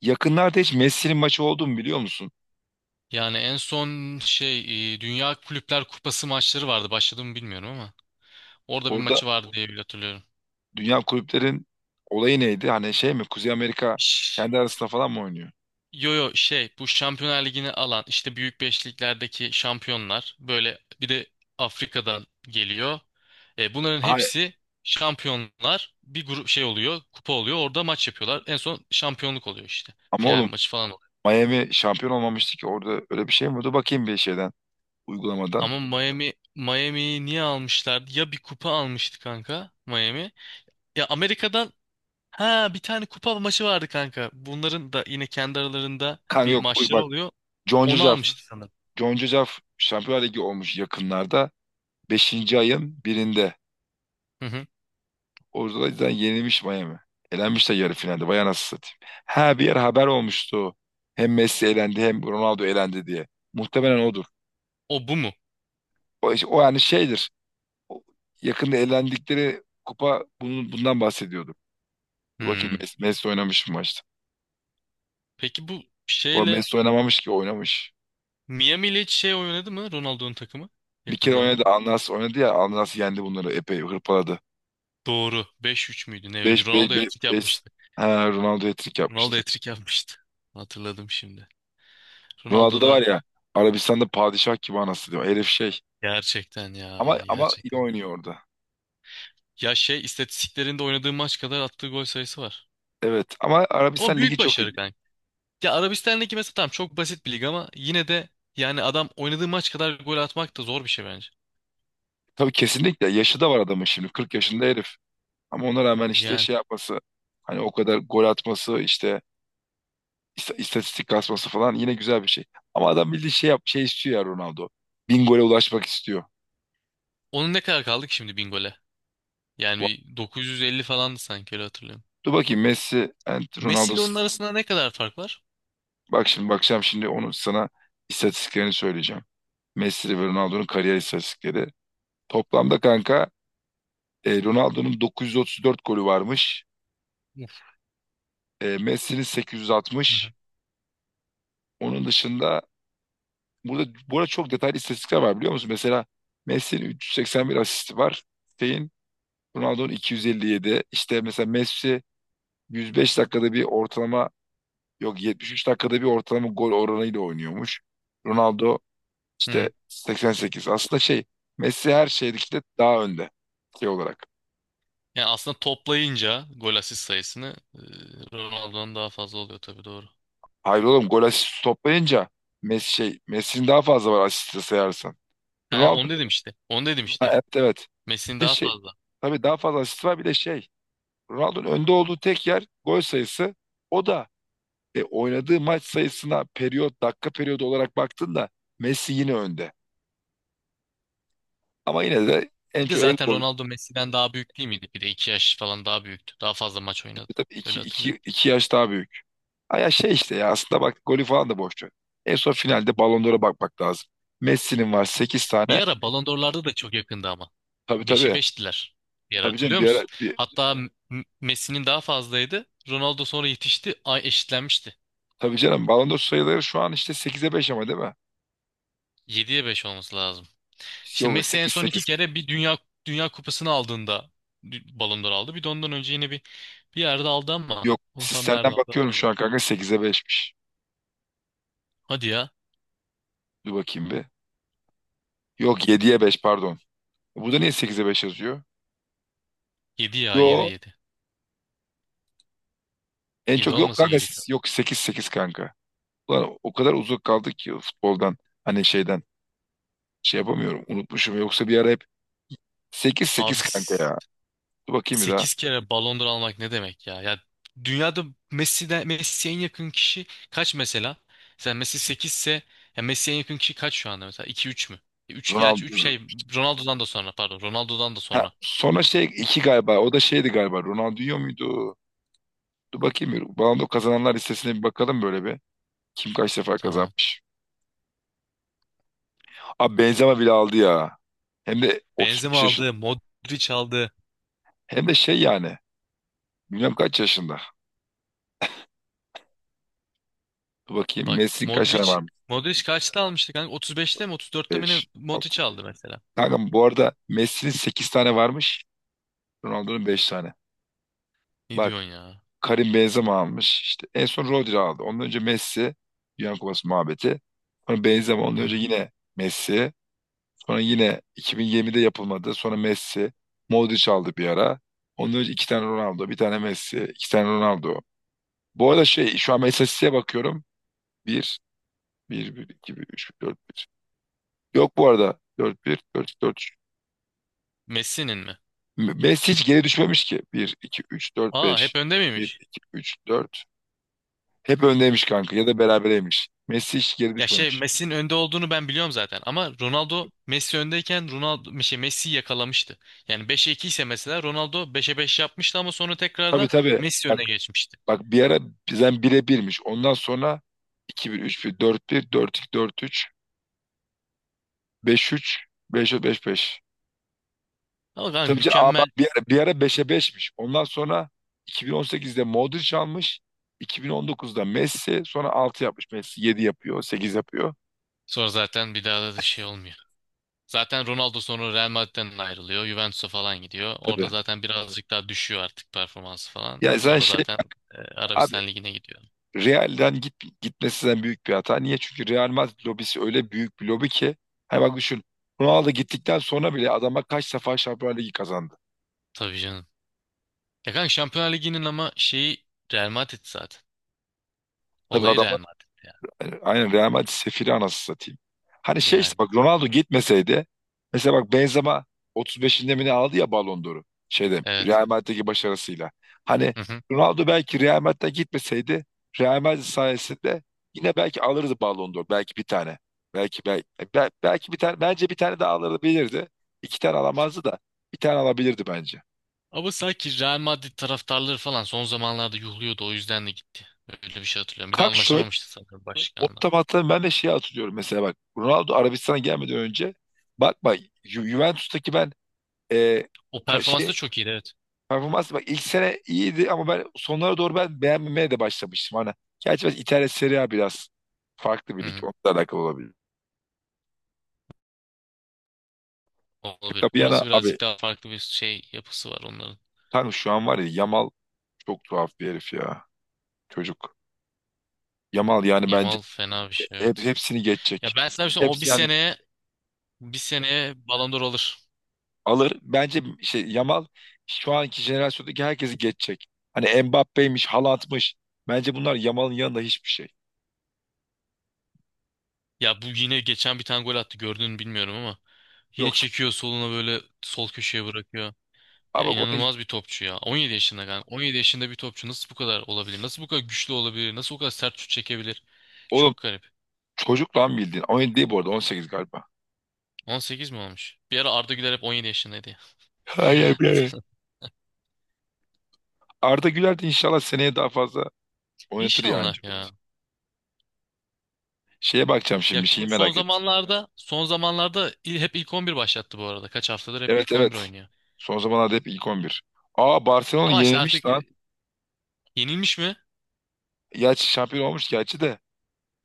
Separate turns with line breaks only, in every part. Yakınlarda hiç Messi'nin maçı oldu mu biliyor musun?
Yani en son şey Dünya Kulüpler Kupası maçları vardı. Başladı mı bilmiyorum ama. Orada bir
Orada
maçı vardı diye bile hatırlıyorum.
dünya kulüplerin olayı neydi? Hani şey mi Kuzey Amerika
Ş-
kendi arasında falan mı oynuyor?
Yo, yo, şey bu Şampiyonlar Ligi'ni alan işte büyük beşliklerdeki şampiyonlar, böyle bir de Afrika'dan geliyor. E, bunların
Hayır,
hepsi şampiyonlar bir grup, şey oluyor, kupa oluyor, orada maç yapıyorlar. En son şampiyonluk oluyor işte,
ama
final
oğlum
maçı falan oluyor.
Miami şampiyon olmamıştı ki orada öyle bir şey mi? Dur bakayım bir şeyden, uygulamadan.
Ama Miami'yi niye almışlardı? Ya bir kupa almıştı kanka Miami. Ya Amerika'dan. Ha, bir tane kupa maçı vardı kanka. Bunların da yine kendi aralarında
Kanka
bir
yok, uy
maçları
bak,
oluyor.
John
Onu
Cucaf.
almıştı sanırım.
John Cucaf Şampiyonlar Ligi olmuş yakınlarda. Beşinci ayın birinde.
Hı hı.
Orada da zaten yenilmiş Miami. Elenmiş de yarı finalde. Vay anasını satayım. Ha, bir yer haber olmuştu. Hem Messi elendi hem Ronaldo elendi diye. Muhtemelen odur.
O bu mu?
O, işte, o yani şeydir. O yakında elendikleri kupa bundan bahsediyordu. Dur bakayım,
Hmm.
Messi oynamış mı maçta?
Peki bu
Bu arada
şeyle
Messi oynamamış ki oynamış.
Miami ile hiç şey oynadı mı Ronaldo'nun takımı
Bir
yakın
kere oynadı.
zamanda?
Alnas oynadı ya. Alnas yendi bunları. Epey hırpaladı.
Doğru. 5-3 müydü? Ne öyle, bir
5 5
Ronaldo
5
hat-trick
5.
yapmıştı.
Ha, Ronaldo hat-trick
Ronaldo
yapmıştı.
hat-trick yapmıştı. Hatırladım şimdi.
Ronaldo
Ronaldo
da var
da
ya. Arabistan'da padişah gibi anası diyor. Herif şey.
gerçekten
Ama
ya,
ama iyi
gerçekten.
oynuyor orada.
Ya şey istatistiklerinde oynadığı maç kadar attığı gol sayısı var.
Evet, ama
Ama
Arabistan ligi
büyük
çok iyi.
başarı. Ya Arabistan'daki mesela, tamam çok basit bir lig ama yine de yani adam oynadığı maç kadar gol atmak da zor bir şey bence.
Tabii kesinlikle yaşı da var adamın, şimdi 40 yaşında herif. Ama ona rağmen işte
Yani
şey yapması, hani o kadar gol atması, işte istatistik kasması falan yine güzel bir şey. Ama adam bildiği şey yap, şey istiyor ya Ronaldo. 1000 gole ulaşmak istiyor.
onun ne kadar kaldı ki şimdi bin gole? Yani
Bu-
bir 950 falandı sanki, öyle hatırlıyorum.
Dur bakayım, Messi and
Messi
Ronaldo.
ile onun arasında ne kadar fark var?
Bak şimdi bakacağım, şimdi onu sana istatistiklerini söyleyeceğim. Messi ve Ronaldo'nun kariyer istatistikleri. Toplamda kanka, Ronaldo'nun 934 golü varmış.
Uf.
Messi'nin
Hı
860.
hı.
Onun dışında burada bu arada çok detaylı istatistikler var biliyor musun? Mesela Messi'nin 381 asisti var. Şeyin, Ronaldo'nun 257. İşte mesela Messi 105 dakikada bir ortalama, yok 73 dakikada bir ortalama gol oranıyla oynuyormuş. Ronaldo
Hı
işte
hı.
88. Aslında şey, Messi her şeydeki de daha önde şey olarak.
Yani aslında toplayınca gol asist sayısını Ronaldo'nun daha fazla oluyor tabii, doğru.
Hayır oğlum, gol asist toplayınca Messi şey Messi'nin daha fazla var, asiste sayarsan.
Ha,
Ronaldo,
onu dedim işte. Onu dedim
ha,
işte.
evet, evet.
Messi'nin
Bir de
daha
şey,
fazla.
tabii daha fazla asist var, bir de şey, Ronaldo'nun önde olduğu tek yer gol sayısı. O da oynadığı maç sayısına periyot dakika periyodu olarak baktığında Messi yine önde. Ama yine de en
Bir de
çok en
zaten
gol.
Ronaldo Messi'den daha büyük değil miydi? Bir de 2 yaş falan daha büyüktü. Daha fazla maç oynadı.
Tabii
Öyle hatırlıyorum.
iki yaş daha büyük. Ha ya şey işte ya, aslında bak golü falan da boş ver. En son finalde Ballon d'Or'a bakmak lazım. Messi'nin var 8
Bir
tane.
ara Ballon d'Or'larda da çok yakındı ama.
Tabii,
Beşe
tabii.
5'tiler. Bir ara
Tabii canım
hatırlıyor musun? Hatta Messi'nin daha fazlaydı. Ronaldo sonra yetişti. Ay, eşitlenmişti.
tabii canım Ballon d'Or sayıları şu an işte sekize 5 ama, değil mi?
Yediye 5 olması lazım. İşte
Yok,
Messi en
sekiz
son iki
sekiz.
kere bir dünya kupasını aldığında Ballon d'Or aldı. Bir de ondan önce yine bir yerde aldı ama
Yok,
onu tam
sistemden
nerede aldı
bakıyorum
hatırlamıyorum.
şu an kanka, sekize beşmiş.
Hadi ya.
Dur bakayım bir. Yok, yediye 5 pardon. Bu da niye sekize 5 yazıyor?
Yedi ya, yedi,
Yo,
yedi,
en
7
çok, yok
olması
kanka,
gerekiyor.
siz yok, sekiz sekiz kanka. Ulan o kadar uzak kaldık ki futboldan, hani şeyden, şey yapamıyorum, unutmuşum yoksa bir ara hep 8-8
Abi
kanka ya. Dur bakayım bir daha.
8 kere Ballon d'Or almak ne demek ya? Ya dünyada Messi'ye en yakın kişi kaç mesela? Mesela Messi 8 ise, ya Messi'ye en yakın kişi kaç şu anda mesela? 2 3 mü? 3, gerçi
Ronaldo.
3 şey, Ronaldo'dan da sonra, pardon. Ronaldo'dan da
Ha,
sonra.
sonra şey 2 galiba. O da şeydi galiba. Ronaldinho muydu? Dur bakayım bir. Ballon d'Or kazananlar listesine bir bakalım böyle bir. Kim kaç defa
Tamam.
kazanmış? Abi Benzema bile aldı ya. Hem de
Benzema
35 yaşında.
aldı, Modric aldı.
Hem de şey yani. Bilmem kaç yaşında. Dur bakayım.
Bak
Messi'nin kaç tane
Modric
varmış?
Modric kaçta almıştı kanka? 35'te mi 34'te mi ne
5, 6.
Modric aldı mesela?
Kanka bu arada Messi'nin 8 tane varmış. Ronaldo'nun 5 tane.
Ne
Bak
diyorsun ya?
Karim Benzema almış. İşte en son Rodri aldı. Ondan önce Messi. Dünya Kupası muhabbeti. Sonra Benzema.
Hı
Ondan önce
hı.
yine Messi. Sonra yine 2020'de yapılmadı. Sonra Messi. Modric aldı bir ara. Ondan önce iki tane Ronaldo. Bir tane Messi. İki tane Ronaldo. Bu arada şey, şu an ben istatistiğe bakıyorum. Bir, bir, 1, 2, 1, 3, dört, bir. Yok bu arada. Dört, bir, dört, dört.
Messi'nin mi?
Messi hiç geri düşmemiş ki. Bir, iki, üç, dört,
Aa,
beş,
hep önde
bir,
miymiş?
iki, üç, dört. Hep öndeymiş kanka ya da berabereymiş. Messi hiç geri
Ya şey
düşmemiş.
Messi'nin önde olduğunu ben biliyorum zaten, ama Ronaldo Messi öndeyken Ronaldo şey Messi'yi yakalamıştı. Yani beşe 2 ise mesela, Ronaldo beşe 5 yapmıştı ama sonra
Tabii,
tekrardan
tabii.
Messi
Bak,
öne geçmişti.
bak, bir ara bizden bire birmiş. Ondan sonra iki bir, üç bir, dört bir, dört 2, dört üç, beş üç, 5-4, beş 5.
Ama kanka
Tabii ki, aa bak,
mükemmel,
bir ara beşe beşmiş. Ondan sonra 2018'de Modric almış. 2019'da Messi sonra 6 yapmış. Messi 7 yapıyor, 8 yapıyor.
sonra zaten bir daha da şey olmuyor. Zaten Ronaldo sonra Real Madrid'den ayrılıyor. Juventus'a falan gidiyor. Orada
Tabii.
zaten birazcık daha düşüyor artık performansı falan.
Ya sen
Sonra
şey
zaten
abi,
Arabistan Ligi'ne gidiyor.
Real'den gitmesinden büyük bir hata. Niye? Çünkü Real Madrid lobisi öyle büyük bir lobi ki. Hani bak düşün. Ronaldo gittikten sonra bile adama kaç defa Şampiyonlar Ligi kazandı.
Tabii canım. Ya kanka Şampiyonlar Ligi'nin ama şeyi Real Madrid zaten.
Tabii
Olayı
adam,
Real Madrid ya.
yani aynen, Real Madrid sefiri, anasını satayım. Hani şey işte
Yani.
bak, Ronaldo gitmeseydi mesela, bak Benzema 35'inde mi ne aldı ya Ballon d'Or'u, şeyde
Evet.
Real Madrid'deki başarısıyla. Hani Ronaldo belki Real Madrid'den gitmeseydi, Real Madrid sayesinde yine belki alırdı Ballon d'Or, belki bir tane. Belki belki belki bir tane, bence bir tane daha alabilirdi. İki tane alamazdı da bir tane alabilirdi bence.
Ama sanki Real Madrid taraftarları falan son zamanlarda yuhluyordu, o yüzden de gitti. Öyle bir şey hatırlıyorum. Bir de
Kanka şöyle,
anlaşamamıştı sanırım
o
başkanla.
otomatikman ben de şeyi hatırlıyorum, mesela bak Ronaldo Arabistan'a gelmeden önce. Bak, bak, Juventus'taki ben, e,
O performans da
şey
çok iyiydi, evet.
performans, bak ilk sene iyiydi ama ben sonlara doğru beğenmemeye de başlamıştım hani. Gerçi biraz İtalya Serie A biraz farklı
Hı
bir lig.
hı.
Onunla alakalı olabilir.
Olabilir.
Şaka bir yana
Orası
abi,
birazcık daha farklı bir şey, yapısı var onların.
tanrım şu an var ya Yamal çok tuhaf bir herif ya. Çocuk. Yamal yani bence
Yamal fena bir şey, evet.
hepsini
Ya
geçecek.
ben sana bir şey söyleyeyim, o bir
Hepsi yani
seneye bir seneye Ballon d'Or alır.
alır. Bence şey Yamal şu anki jenerasyondaki herkesi geçecek. Hani Mbappe'ymiş, Haaland'mış. Bence bunlar Yamal'ın yanında hiçbir şey.
Ya bu yine geçen bir tane gol attı, gördün mü bilmiyorum ama yine
Yok.
çekiyor soluna, böyle sol köşeye bırakıyor.
Abi
Ya
bak onu,
inanılmaz bir topçu ya. 17 yaşında yani. 17 yaşında bir topçu nasıl bu kadar olabilir? Nasıl bu kadar güçlü olabilir? Nasıl bu kadar sert şut çekebilir?
oğlum,
Çok garip.
çocuk lan bildiğin. 17 değil bu arada, 18 galiba.
18 mi olmuş? Bir ara Arda Güler hep 17 yaşındaydı ya.
Hayır be.
Hatırladım.
Arda Güler de inşallah seneye daha fazla oynatır yani
İnşallah
Cüneyt.
ya.
Şeye bakacağım
Ya
şimdi,
şu
şeyi
son
merak et.
zamanlarda son zamanlarda hep ilk 11 başlattı bu arada. Kaç haftadır hep
Evet,
ilk 11
evet.
oynuyor.
Son zamanlarda hep ilk 11. Aa Barcelona
Ama işte artık
yenilmiş lan.
yenilmiş mi?
Gerçi şampiyon olmuş gerçi de.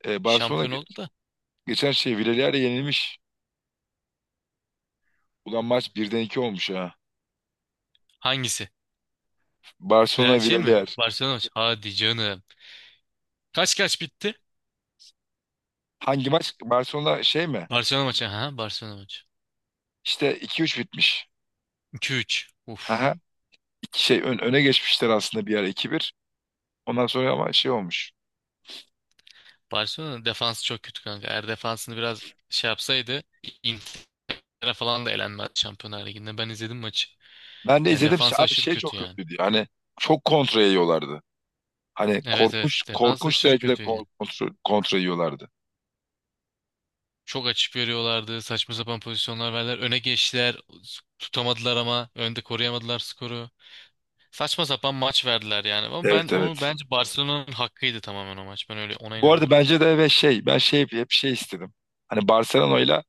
Barcelona
Şampiyon oldu da.
geçen şey Villarreal'e yenilmiş. Ulan maç birden 2 olmuş ha.
Hangisi? Real
Barcelona
şey mi?
Villarreal.
Barcelona maçı. Hadi canım. Kaç kaç bitti?
Hangi maç? Barcelona şey mi?
Barcelona maçı. Ha, Barcelona maçı.
İşte iki üç bitmiş.
2-3.
Haha.
Uf.
İki şey öne geçmişler aslında, bir ara iki bir. Ondan sonra ama şey olmuş.
Barcelona'nın defansı çok kötü kanka. Eğer defansını biraz şey yapsaydı, Inter'e falan da elenmez Şampiyonlar Ligi'nde. Ben izledim maçı.
Ben de
Yani
izledim.
defansı
Abi
aşırı
şey çok
kötü yani.
kötüydü. Hani çok kontra yiyorlardı. Hani
Evet, evet,
korkunç
defans
korkunç
aşırı
derecede
kötü yani.
kontra yiyorlardı.
Çok açık veriyorlardı. Saçma sapan pozisyonlar verdiler. Öne geçtiler. Tutamadılar ama önde koruyamadılar skoru. Saçma sapan maç verdiler yani. Ama ben
Evet,
onu,
evet.
bence Barcelona'nın hakkıydı tamamen o maç. Ben öyle ona
Bu arada
inanıyorum.
bence de ve şey, ben şey hep şey istedim. Hani Barcelona ile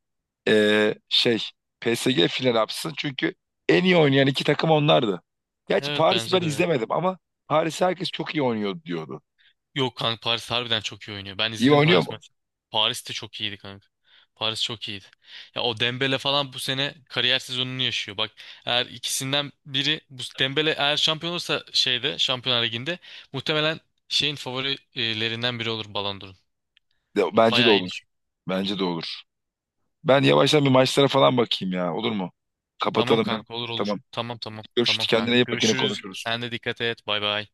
şey PSG final yapsın. Çünkü en iyi oynayan iki takım onlardı. Gerçi
Evet,
Paris'i ben
bence de öyle.
izlemedim ama Paris herkes çok iyi oynuyor diyordu.
Yok kanka, Paris harbiden çok iyi oynuyor. Ben
İyi
izledim
oynuyor
Paris
mu?
maçı. Paris de çok iyiydi kanka. Paris çok iyiydi. Ya o Dembele falan bu sene kariyer sezonunu yaşıyor. Bak, eğer ikisinden biri, bu Dembele eğer şampiyon olursa şeyde, Şampiyonlar Ligi'nde, muhtemelen şeyin favorilerinden biri olur Ballon d'Or'un.
Bence de
Bayağı iyi
olur.
düşün.
Bence de olur. Ben yavaştan bir maçlara falan bakayım ya. Olur mu?
Tamam
Kapatalım hem.
kanka, olur olur.
Tamam.
Tamam, tamam,
Görüşürüz.
tamam
Kendine
kanka.
iyi bak, yine
Görüşürüz.
konuşuruz.
Sen de dikkat et. Bay bay.